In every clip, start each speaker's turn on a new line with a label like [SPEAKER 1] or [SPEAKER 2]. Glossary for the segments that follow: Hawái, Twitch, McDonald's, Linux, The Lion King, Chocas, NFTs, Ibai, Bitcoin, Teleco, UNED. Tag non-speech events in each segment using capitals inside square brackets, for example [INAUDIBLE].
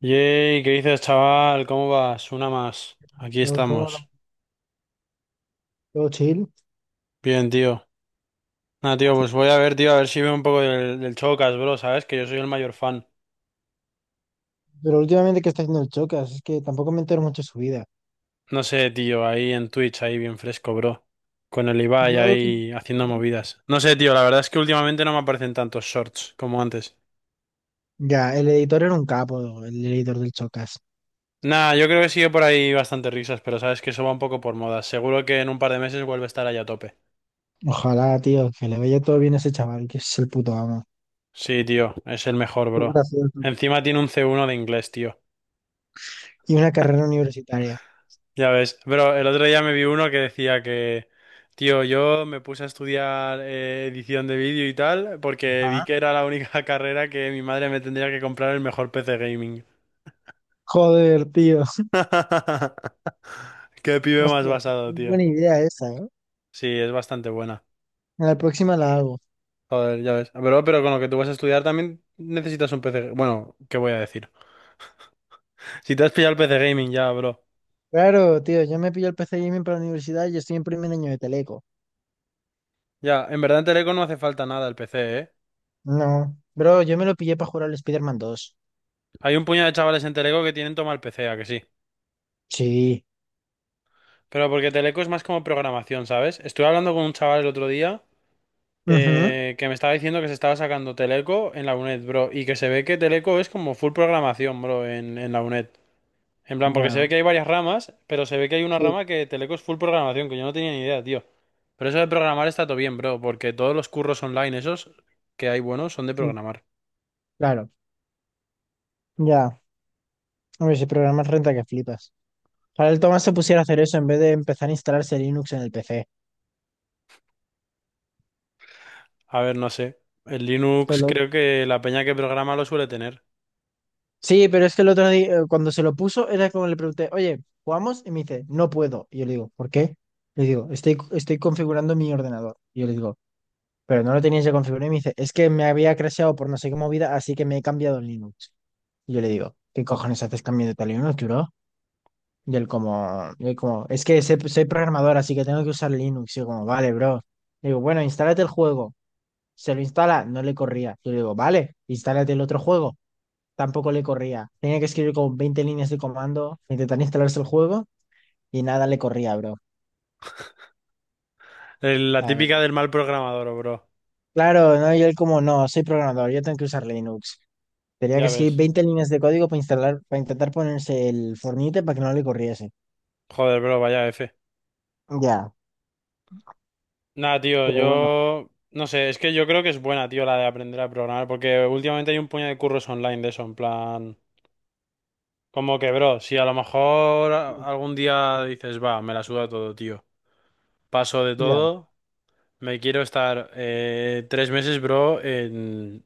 [SPEAKER 1] Yay, ¿qué dices, chaval? ¿Cómo vas? Una más. Aquí
[SPEAKER 2] Todo, todo-
[SPEAKER 1] estamos.
[SPEAKER 2] todo chill.
[SPEAKER 1] Bien, tío. Nada, tío, pues voy a ver, tío, a ver si veo un poco del Chocas, bro, ¿sabes? Que yo soy el mayor fan.
[SPEAKER 2] Pero últimamente, ¿qué está haciendo el Chocas? Es que tampoco me entero mucho de su vida.
[SPEAKER 1] No sé, tío, ahí en Twitch, ahí bien fresco, bro. Con el Ibai
[SPEAKER 2] Yo lo último-
[SPEAKER 1] ahí haciendo movidas. No sé, tío, la verdad es que últimamente no me aparecen tantos shorts como antes.
[SPEAKER 2] Ya, el editor era un capo, el editor del Chocas.
[SPEAKER 1] Nah, yo creo que sigue por ahí bastante risas, pero sabes que eso va un poco por moda. Seguro que en un par de meses vuelve a estar ahí a tope.
[SPEAKER 2] Ojalá, tío, que le vaya todo bien a ese chaval, que es el puto amo.
[SPEAKER 1] Sí, tío, es el mejor,
[SPEAKER 2] Qué
[SPEAKER 1] bro.
[SPEAKER 2] gracioso.
[SPEAKER 1] Encima tiene un C1 de inglés, tío.
[SPEAKER 2] Y una carrera universitaria.
[SPEAKER 1] Ya ves, pero el otro día me vi uno que decía que, tío, yo me puse a estudiar edición de vídeo y tal, porque vi
[SPEAKER 2] Ajá.
[SPEAKER 1] que era la única [LAUGHS] carrera que mi madre me tendría que comprar el mejor PC gaming.
[SPEAKER 2] Joder, tío.
[SPEAKER 1] [LAUGHS] Qué pibe más
[SPEAKER 2] Hostia,
[SPEAKER 1] basado,
[SPEAKER 2] es
[SPEAKER 1] tío.
[SPEAKER 2] buena idea esa, ¿eh?
[SPEAKER 1] Sí, es bastante buena.
[SPEAKER 2] En la próxima la hago.
[SPEAKER 1] Joder, ya ves. Pero con lo que tú vas a estudiar también necesitas un PC. Bueno, ¿qué voy a decir? Si te has pillado el PC gaming ya, bro.
[SPEAKER 2] Claro, tío, yo me pillo el PC Gaming para la universidad y estoy en primer año de Teleco.
[SPEAKER 1] Ya, en verdad en Teleco no hace falta nada el PC, ¿eh?
[SPEAKER 2] No, bro, yo me lo pillé para jugar al Spider-Man 2.
[SPEAKER 1] Hay un puñado de chavales en Teleco que tienen toma el PC, ¿a que sí?
[SPEAKER 2] Sí.
[SPEAKER 1] Pero porque Teleco es más como programación, ¿sabes? Estuve hablando con un chaval el otro día
[SPEAKER 2] Ujú.
[SPEAKER 1] que me estaba diciendo que se estaba sacando Teleco en la UNED, bro, y que se ve que Teleco es como full programación, bro, en la UNED. En plan, porque se ve
[SPEAKER 2] Bueno,
[SPEAKER 1] que hay varias ramas, pero se ve que hay una
[SPEAKER 2] sí,
[SPEAKER 1] rama que Teleco es full programación, que yo no tenía ni idea, tío. Pero eso de programar está todo bien, bro, porque todos los curros online esos que hay buenos son de
[SPEAKER 2] sí,
[SPEAKER 1] programar.
[SPEAKER 2] claro. Ya. Hombre, si programas renta que flipas. Para el Tomás se pusiera a hacer eso en vez de empezar a instalarse Linux en el PC.
[SPEAKER 1] A ver, no sé. El
[SPEAKER 2] Esto es
[SPEAKER 1] Linux
[SPEAKER 2] lo-
[SPEAKER 1] creo que la peña que programa lo suele tener.
[SPEAKER 2] Sí, pero es que el otro día, cuando se lo puso, era como le pregunté, oye, ¿jugamos? Y me dice, no puedo. Y yo le digo, ¿por qué? Le digo, estoy configurando mi ordenador. Y yo le digo, pero no lo tenías ya configurado. Y me dice, es que me había crasheado por no sé qué movida, así que me he cambiado el Linux. Y yo le digo, ¿qué cojones haces cambiando tal Linux, bro? Y él como, es que sé- soy programador, así que tengo que usar Linux. Y yo como, vale, bro. Le digo, bueno, instálate el juego. Se lo instala, no le corría. Yo le digo, vale, instálate el otro juego. Tampoco le corría. Tenía que escribir como 20 líneas de comando, intentar instalarse el juego y nada le corría, bro.
[SPEAKER 1] La
[SPEAKER 2] La
[SPEAKER 1] típica
[SPEAKER 2] verdad.
[SPEAKER 1] del mal programador, bro.
[SPEAKER 2] Claro, ¿no? Y él como, no, soy programador, yo tengo que usar Linux. Tenía que
[SPEAKER 1] Ya
[SPEAKER 2] escribir
[SPEAKER 1] ves.
[SPEAKER 2] 20 líneas de código para instalar, para intentar ponerse el Fornite para que no le corriese.
[SPEAKER 1] Joder, bro, vaya F.
[SPEAKER 2] Ya,
[SPEAKER 1] Nada, tío,
[SPEAKER 2] pero bueno,
[SPEAKER 1] yo no sé, es que yo creo que es buena, tío, la de aprender a programar, porque últimamente hay un puñado de curros online de eso, en plan, como que, bro, si a lo mejor algún día dices, va, me la suda todo, tío, paso de
[SPEAKER 2] ya.
[SPEAKER 1] todo, me quiero estar 3 meses, bro, en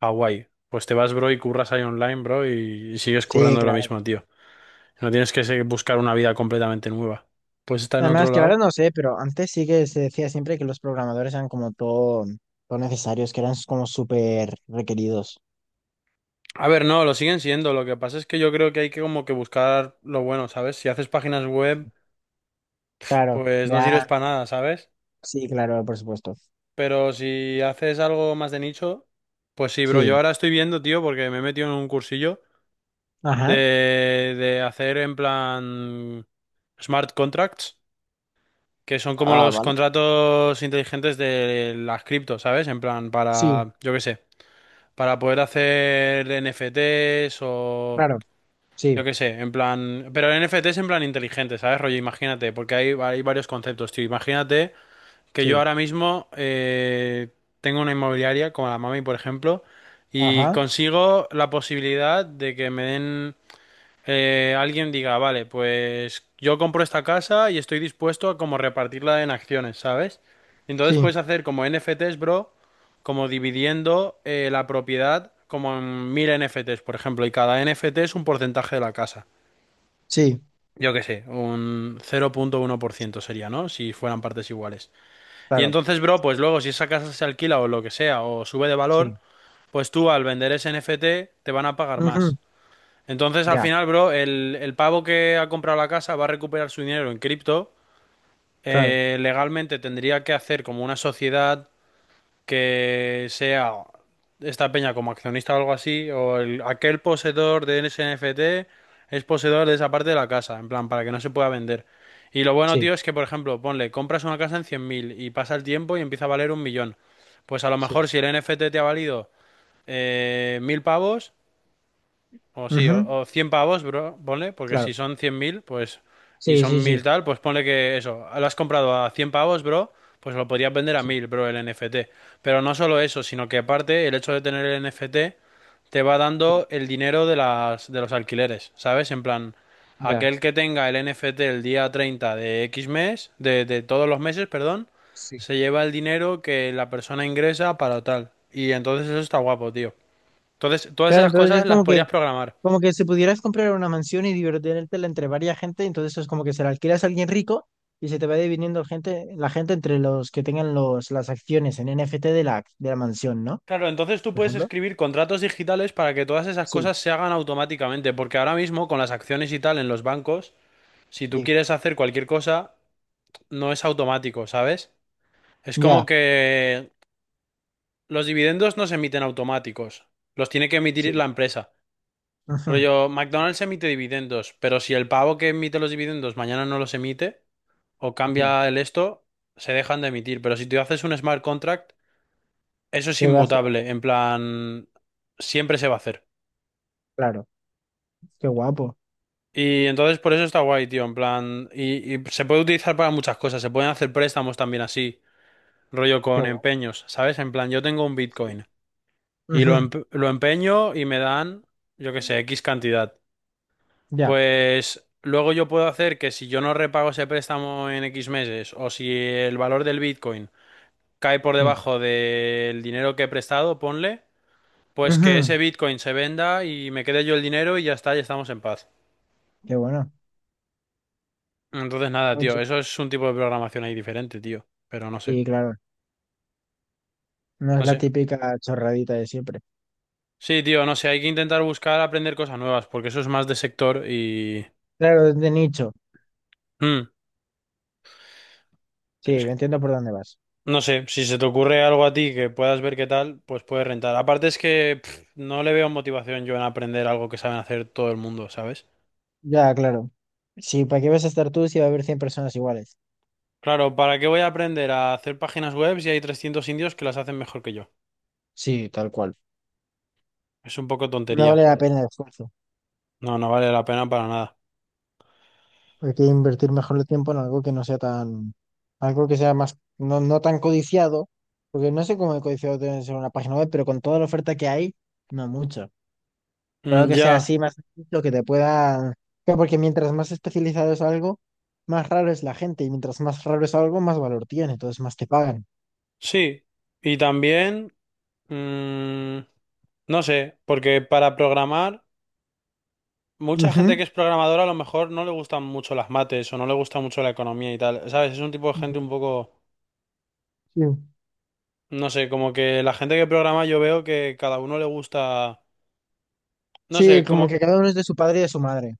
[SPEAKER 1] Hawái, pues te vas, bro, y curras ahí online, bro, y sigues
[SPEAKER 2] Sí,
[SPEAKER 1] currando de lo
[SPEAKER 2] claro.
[SPEAKER 1] mismo, tío. No tienes que buscar una vida completamente nueva. Pues está en
[SPEAKER 2] Además,
[SPEAKER 1] otro
[SPEAKER 2] que ahora
[SPEAKER 1] lado.
[SPEAKER 2] no sé, pero antes sí que se decía siempre que los programadores eran como todo necesarios, que eran como súper requeridos.
[SPEAKER 1] A ver, no, lo siguen siendo. Lo que pasa es que yo creo que hay que como que buscar lo bueno, ¿sabes? Si haces páginas web,
[SPEAKER 2] Claro,
[SPEAKER 1] pues no sirves
[SPEAKER 2] ya,
[SPEAKER 1] para nada, ¿sabes?
[SPEAKER 2] sí, claro, por supuesto.
[SPEAKER 1] Pero si haces algo más de nicho, pues sí, bro. Yo
[SPEAKER 2] Sí,
[SPEAKER 1] ahora estoy viendo, tío, porque me he metido en un cursillo
[SPEAKER 2] ajá.
[SPEAKER 1] de hacer en plan smart contracts, que son como
[SPEAKER 2] Ah,
[SPEAKER 1] los
[SPEAKER 2] vale.
[SPEAKER 1] contratos inteligentes de las cripto, ¿sabes? En plan
[SPEAKER 2] Sí,
[SPEAKER 1] para, yo qué sé, para poder hacer NFTs o
[SPEAKER 2] claro, sí,
[SPEAKER 1] yo qué sé, en plan. Pero el NFT es en plan inteligente, ¿sabes? Rollo, imagínate, porque hay varios conceptos, tío. Imagínate que yo
[SPEAKER 2] sí,
[SPEAKER 1] ahora mismo tengo una inmobiliaria, como la Mami, por ejemplo, y
[SPEAKER 2] ajá.
[SPEAKER 1] consigo la posibilidad de que me den. Alguien diga, vale, pues yo compro esta casa y estoy dispuesto a como repartirla en acciones, ¿sabes? Entonces
[SPEAKER 2] Sí,
[SPEAKER 1] puedes hacer como NFTs, bro, como dividiendo la propiedad como en 1000 NFTs, por ejemplo, y cada NFT es un porcentaje de la casa.
[SPEAKER 2] sí,
[SPEAKER 1] Yo qué sé, un 0.1% sería, ¿no? Si fueran partes iguales. Y
[SPEAKER 2] claro,
[SPEAKER 1] entonces, bro, pues luego si esa casa se alquila o lo que sea, o sube de valor,
[SPEAKER 2] sí,
[SPEAKER 1] pues tú al vender ese NFT te van a pagar
[SPEAKER 2] ujú,
[SPEAKER 1] más. Entonces, al
[SPEAKER 2] ya,
[SPEAKER 1] final, bro, el pavo que ha comprado la casa va a recuperar su dinero en cripto.
[SPEAKER 2] claro,
[SPEAKER 1] Legalmente tendría que hacer como una sociedad que sea esta peña como accionista o algo así, aquel poseedor de ese NFT es poseedor de esa parte de la casa, en plan, para que no se pueda vender. Y lo bueno,
[SPEAKER 2] sí,
[SPEAKER 1] tío, es que, por ejemplo, ponle, compras una casa en 100 000 y pasa el tiempo y empieza a valer 1 000 000. Pues a lo mejor
[SPEAKER 2] sí,
[SPEAKER 1] si el NFT te ha valido 1000 pavos, o sí,
[SPEAKER 2] ujú,
[SPEAKER 1] o 100 pavos, bro, ponle, porque
[SPEAKER 2] claro,
[SPEAKER 1] si son 100 000 pues, y
[SPEAKER 2] sí, sí,
[SPEAKER 1] son 1.000
[SPEAKER 2] sí,
[SPEAKER 1] tal, pues ponle que eso, lo has comprado a 100 pavos, bro, pues lo podrías vender a
[SPEAKER 2] sí,
[SPEAKER 1] 1000 bro, el NFT. Pero no solo eso, sino que aparte el hecho de tener el NFT te va
[SPEAKER 2] sí,
[SPEAKER 1] dando el dinero de las, de los alquileres, ¿sabes? En plan,
[SPEAKER 2] ya,
[SPEAKER 1] aquel que tenga el NFT el día 30 de X mes, de todos los meses, perdón,
[SPEAKER 2] sí.
[SPEAKER 1] se lleva el dinero que la persona ingresa para tal. Y entonces eso está guapo, tío. Entonces, todas
[SPEAKER 2] Claro,
[SPEAKER 1] esas
[SPEAKER 2] entonces es
[SPEAKER 1] cosas las
[SPEAKER 2] como que
[SPEAKER 1] podrías programar.
[SPEAKER 2] como que si pudieras comprar una mansión y divertirte entre varias gente, entonces es como que se la alquilas a alguien rico y se te va dividiendo gente, la gente entre los que tengan las acciones en NFT de la mansión, ¿no?
[SPEAKER 1] Claro, entonces tú
[SPEAKER 2] Por
[SPEAKER 1] puedes
[SPEAKER 2] ejemplo.
[SPEAKER 1] escribir contratos digitales para que todas esas
[SPEAKER 2] Sí,
[SPEAKER 1] cosas se hagan automáticamente, porque ahora mismo con las acciones y tal en los bancos, si tú
[SPEAKER 2] sí,
[SPEAKER 1] quieres hacer cualquier cosa, no es automático, ¿sabes? Es como
[SPEAKER 2] ya,
[SPEAKER 1] que los dividendos no se emiten automáticos, los tiene que emitir
[SPEAKER 2] sí,
[SPEAKER 1] la empresa.
[SPEAKER 2] ujú,
[SPEAKER 1] Rollo, McDonald's emite dividendos, pero si el pavo que emite los dividendos mañana no los emite o
[SPEAKER 2] ya.
[SPEAKER 1] cambia el esto, se dejan de emitir. Pero si tú haces un smart contract, eso es
[SPEAKER 2] Se va haciendo,
[SPEAKER 1] inmutable,
[SPEAKER 2] con-
[SPEAKER 1] en plan, siempre se va a hacer.
[SPEAKER 2] claro. Qué guapo,
[SPEAKER 1] Y entonces por eso está guay, tío, en plan, y se puede utilizar para muchas cosas, se pueden hacer préstamos también así, rollo
[SPEAKER 2] qué
[SPEAKER 1] con
[SPEAKER 2] guapo.
[SPEAKER 1] empeños, ¿sabes? En plan, yo tengo un
[SPEAKER 2] Sí,
[SPEAKER 1] Bitcoin y lo,
[SPEAKER 2] ujú,
[SPEAKER 1] lo empeño y me dan, yo qué sé, X cantidad.
[SPEAKER 2] ya,
[SPEAKER 1] Pues luego yo puedo hacer que si yo no repago ese préstamo en X meses o si el valor del Bitcoin cae por
[SPEAKER 2] sí,
[SPEAKER 1] debajo del dinero que he prestado, ponle, pues que
[SPEAKER 2] ujú.
[SPEAKER 1] ese Bitcoin se venda y me quede yo el dinero y ya está, ya estamos en paz.
[SPEAKER 2] Qué bueno.
[SPEAKER 1] Entonces nada,
[SPEAKER 2] Mucho.
[SPEAKER 1] tío, eso es un tipo de programación ahí diferente, tío. Pero no sé,
[SPEAKER 2] Sí, claro. No es
[SPEAKER 1] no
[SPEAKER 2] la
[SPEAKER 1] sé.
[SPEAKER 2] típica chorradita de siempre.
[SPEAKER 1] Sí, tío, no sé, hay que intentar buscar aprender cosas nuevas, porque eso es más de sector y...
[SPEAKER 2] Claro, es de nicho.
[SPEAKER 1] Mm,
[SPEAKER 2] Sí,
[SPEAKER 1] es-
[SPEAKER 2] entiendo por dónde vas.
[SPEAKER 1] no sé, si se te ocurre algo a ti que puedas ver qué tal, pues puedes rentar. Aparte es que pff, no le veo motivación yo en aprender algo que saben hacer todo el mundo, ¿sabes?
[SPEAKER 2] Ya, claro. Sí, ¿para qué vas a estar tú si va a haber 100 personas iguales?
[SPEAKER 1] Claro, ¿para qué voy a aprender a hacer páginas web si hay 300 indios que las hacen mejor que yo?
[SPEAKER 2] Sí, tal cual.
[SPEAKER 1] Es un poco
[SPEAKER 2] No vale
[SPEAKER 1] tontería.
[SPEAKER 2] la pena el esfuerzo.
[SPEAKER 1] No, no vale la pena para nada.
[SPEAKER 2] Hay que invertir mejor el tiempo en algo que no sea tan, algo que sea más, no tan codiciado, porque no sé cómo de codiciado debe ser una página web, pero con toda la oferta que hay, no mucho. Pero
[SPEAKER 1] Mm,
[SPEAKER 2] que sea así
[SPEAKER 1] ya,
[SPEAKER 2] más lo que te pueda, claro, porque mientras más especializado es algo, más raro es la gente, y mientras más raro es algo, más valor tiene, entonces más te pagan.
[SPEAKER 1] sí. Y también... Mm, no sé, porque para programar, mucha gente
[SPEAKER 2] Ujú.
[SPEAKER 1] que es programadora a lo mejor no le gustan mucho las mates o no le gusta mucho la economía y tal, ¿sabes? Es un tipo de gente un poco,
[SPEAKER 2] Sí.
[SPEAKER 1] no sé, como que la gente que programa yo veo que cada uno le gusta, no
[SPEAKER 2] Sí,
[SPEAKER 1] sé,
[SPEAKER 2] como que
[SPEAKER 1] como,
[SPEAKER 2] cada uno es de su padre y de su madre.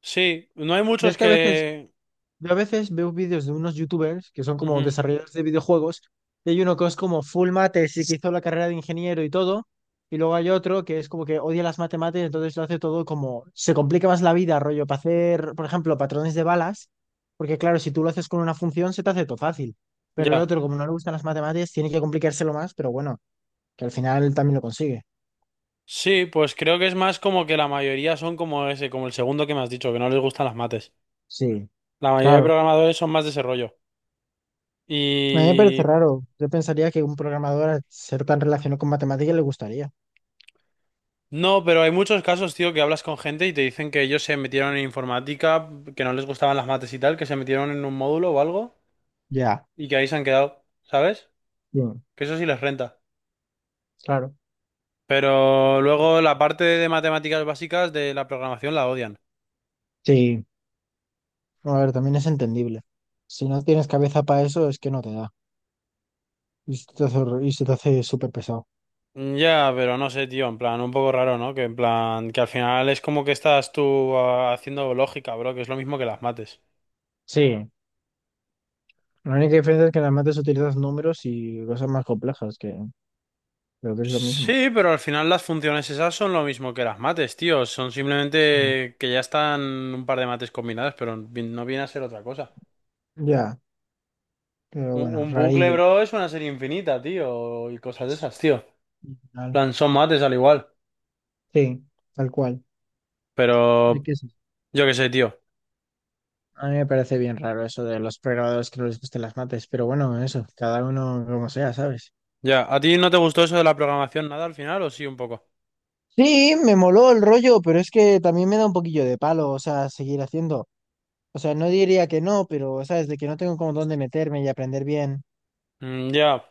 [SPEAKER 1] sí, no hay
[SPEAKER 2] Yo es
[SPEAKER 1] muchos
[SPEAKER 2] que a veces,
[SPEAKER 1] que...
[SPEAKER 2] yo a veces veo vídeos de unos youtubers que son como
[SPEAKER 1] Ujú,
[SPEAKER 2] desarrolladores de videojuegos, y hay uno que es como full mates y que hizo la carrera de ingeniero y todo, y luego hay otro que es como que odia las matemáticas, entonces lo hace todo como, se complica más la vida, rollo, para hacer, por ejemplo, patrones de balas, porque claro, si tú lo haces con una función se te hace todo fácil, pero el
[SPEAKER 1] ya.
[SPEAKER 2] otro, como no le gustan las matemáticas, tiene que complicárselo más, pero bueno, que al final también lo consigue.
[SPEAKER 1] Sí, pues creo que es más como que la mayoría son como ese, como el segundo que me has dicho, que no les gustan las mates.
[SPEAKER 2] Sí,
[SPEAKER 1] La mayoría de
[SPEAKER 2] claro.
[SPEAKER 1] programadores son más de ese rollo.
[SPEAKER 2] A mí me parece
[SPEAKER 1] Y
[SPEAKER 2] raro. Yo pensaría que un programador, al ser tan relacionado con matemáticas, le gustaría.
[SPEAKER 1] no, pero hay muchos casos, tío, que hablas con gente y te dicen que ellos se metieron en informática, que no les gustaban las mates y tal, que se metieron en un módulo o algo
[SPEAKER 2] Ya.
[SPEAKER 1] y que ahí se han quedado, ¿sabes?
[SPEAKER 2] Sí,
[SPEAKER 1] Que eso sí les renta.
[SPEAKER 2] claro.
[SPEAKER 1] Pero luego la parte de matemáticas básicas de la programación la odian.
[SPEAKER 2] Sí, a ver, también es entendible. Si no tienes cabeza para eso, es que no te da. Y se te hace, hor- y se te hace súper pesado.
[SPEAKER 1] Ya, pero no sé, tío, en plan, un poco raro, ¿no? Que en plan, que al final es como que estás tú haciendo lógica, bro, que es lo mismo que las mates.
[SPEAKER 2] Sí, la única diferencia es que en las mates utilizas números y cosas más complejas, que creo que es lo mismo.
[SPEAKER 1] Sí, pero al final las funciones esas son lo mismo que las mates, tío. Son
[SPEAKER 2] Sí.
[SPEAKER 1] simplemente que ya están un par de mates combinadas, pero no viene a ser otra cosa.
[SPEAKER 2] Ya, pero
[SPEAKER 1] Un,
[SPEAKER 2] bueno,
[SPEAKER 1] un bucle,
[SPEAKER 2] rarillo.
[SPEAKER 1] bro, es una serie infinita, tío. Y cosas de esas, tío. En
[SPEAKER 2] Y tal.
[SPEAKER 1] plan, son mates al igual.
[SPEAKER 2] Sí, tal cual. Hay
[SPEAKER 1] Pero
[SPEAKER 2] que ser.
[SPEAKER 1] yo qué sé, tío.
[SPEAKER 2] A mí me parece bien raro eso de los programadores que no les gusten las mates, pero bueno, eso, cada uno como sea, ¿sabes?
[SPEAKER 1] Ya, ¿a ti no te gustó eso de la programación nada al final o sí un poco?
[SPEAKER 2] Sí, me moló el rollo, pero es que también me da un poquillo de palo, o sea, seguir haciendo. O sea, no diría que no, pero, ¿sabes? De que no tengo como dónde meterme y aprender bien.
[SPEAKER 1] Mm, ya.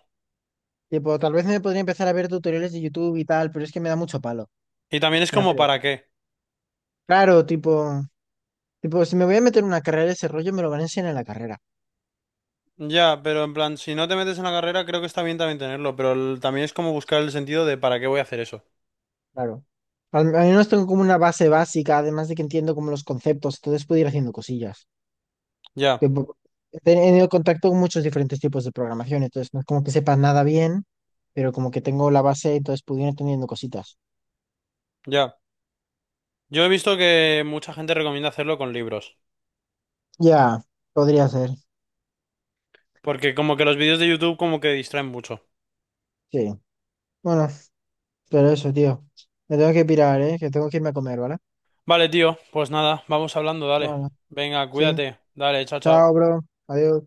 [SPEAKER 2] Tipo, tal vez me podría empezar a ver tutoriales de YouTube y tal, pero es que me da mucho palo.
[SPEAKER 1] Y también es
[SPEAKER 2] Me da
[SPEAKER 1] como
[SPEAKER 2] pereza.
[SPEAKER 1] para qué.
[SPEAKER 2] Claro, tipo, tipo, si me voy a meter en una carrera de ese rollo, me lo van a enseñar en la carrera.
[SPEAKER 1] Ya, pero en plan, si no te metes en la carrera, creo que está bien también tenerlo, pero también es como buscar el sentido de para qué voy a hacer eso.
[SPEAKER 2] Claro. Al menos tengo como una base básica, además de que entiendo como los conceptos, entonces puedo ir haciendo cosillas.
[SPEAKER 1] Ya.
[SPEAKER 2] Tipo, he tenido contacto con muchos diferentes tipos de programación, entonces no es como que sepa nada bien, pero como que tengo la base, entonces puedo ir entendiendo cositas.
[SPEAKER 1] Ya. Yo he visto que mucha gente recomienda hacerlo con libros,
[SPEAKER 2] Ya, podría ser.
[SPEAKER 1] porque como que los vídeos de YouTube como que distraen mucho.
[SPEAKER 2] Sí. Bueno. Pero eso, tío. Me tengo que pirar, ¿eh? Que tengo que irme a comer, ¿vale?
[SPEAKER 1] Vale, tío, pues nada, vamos hablando,
[SPEAKER 2] No,
[SPEAKER 1] dale.
[SPEAKER 2] no.
[SPEAKER 1] Venga,
[SPEAKER 2] Sí.
[SPEAKER 1] cuídate. Dale, chao,
[SPEAKER 2] Chao,
[SPEAKER 1] chao.
[SPEAKER 2] bro. Adiós.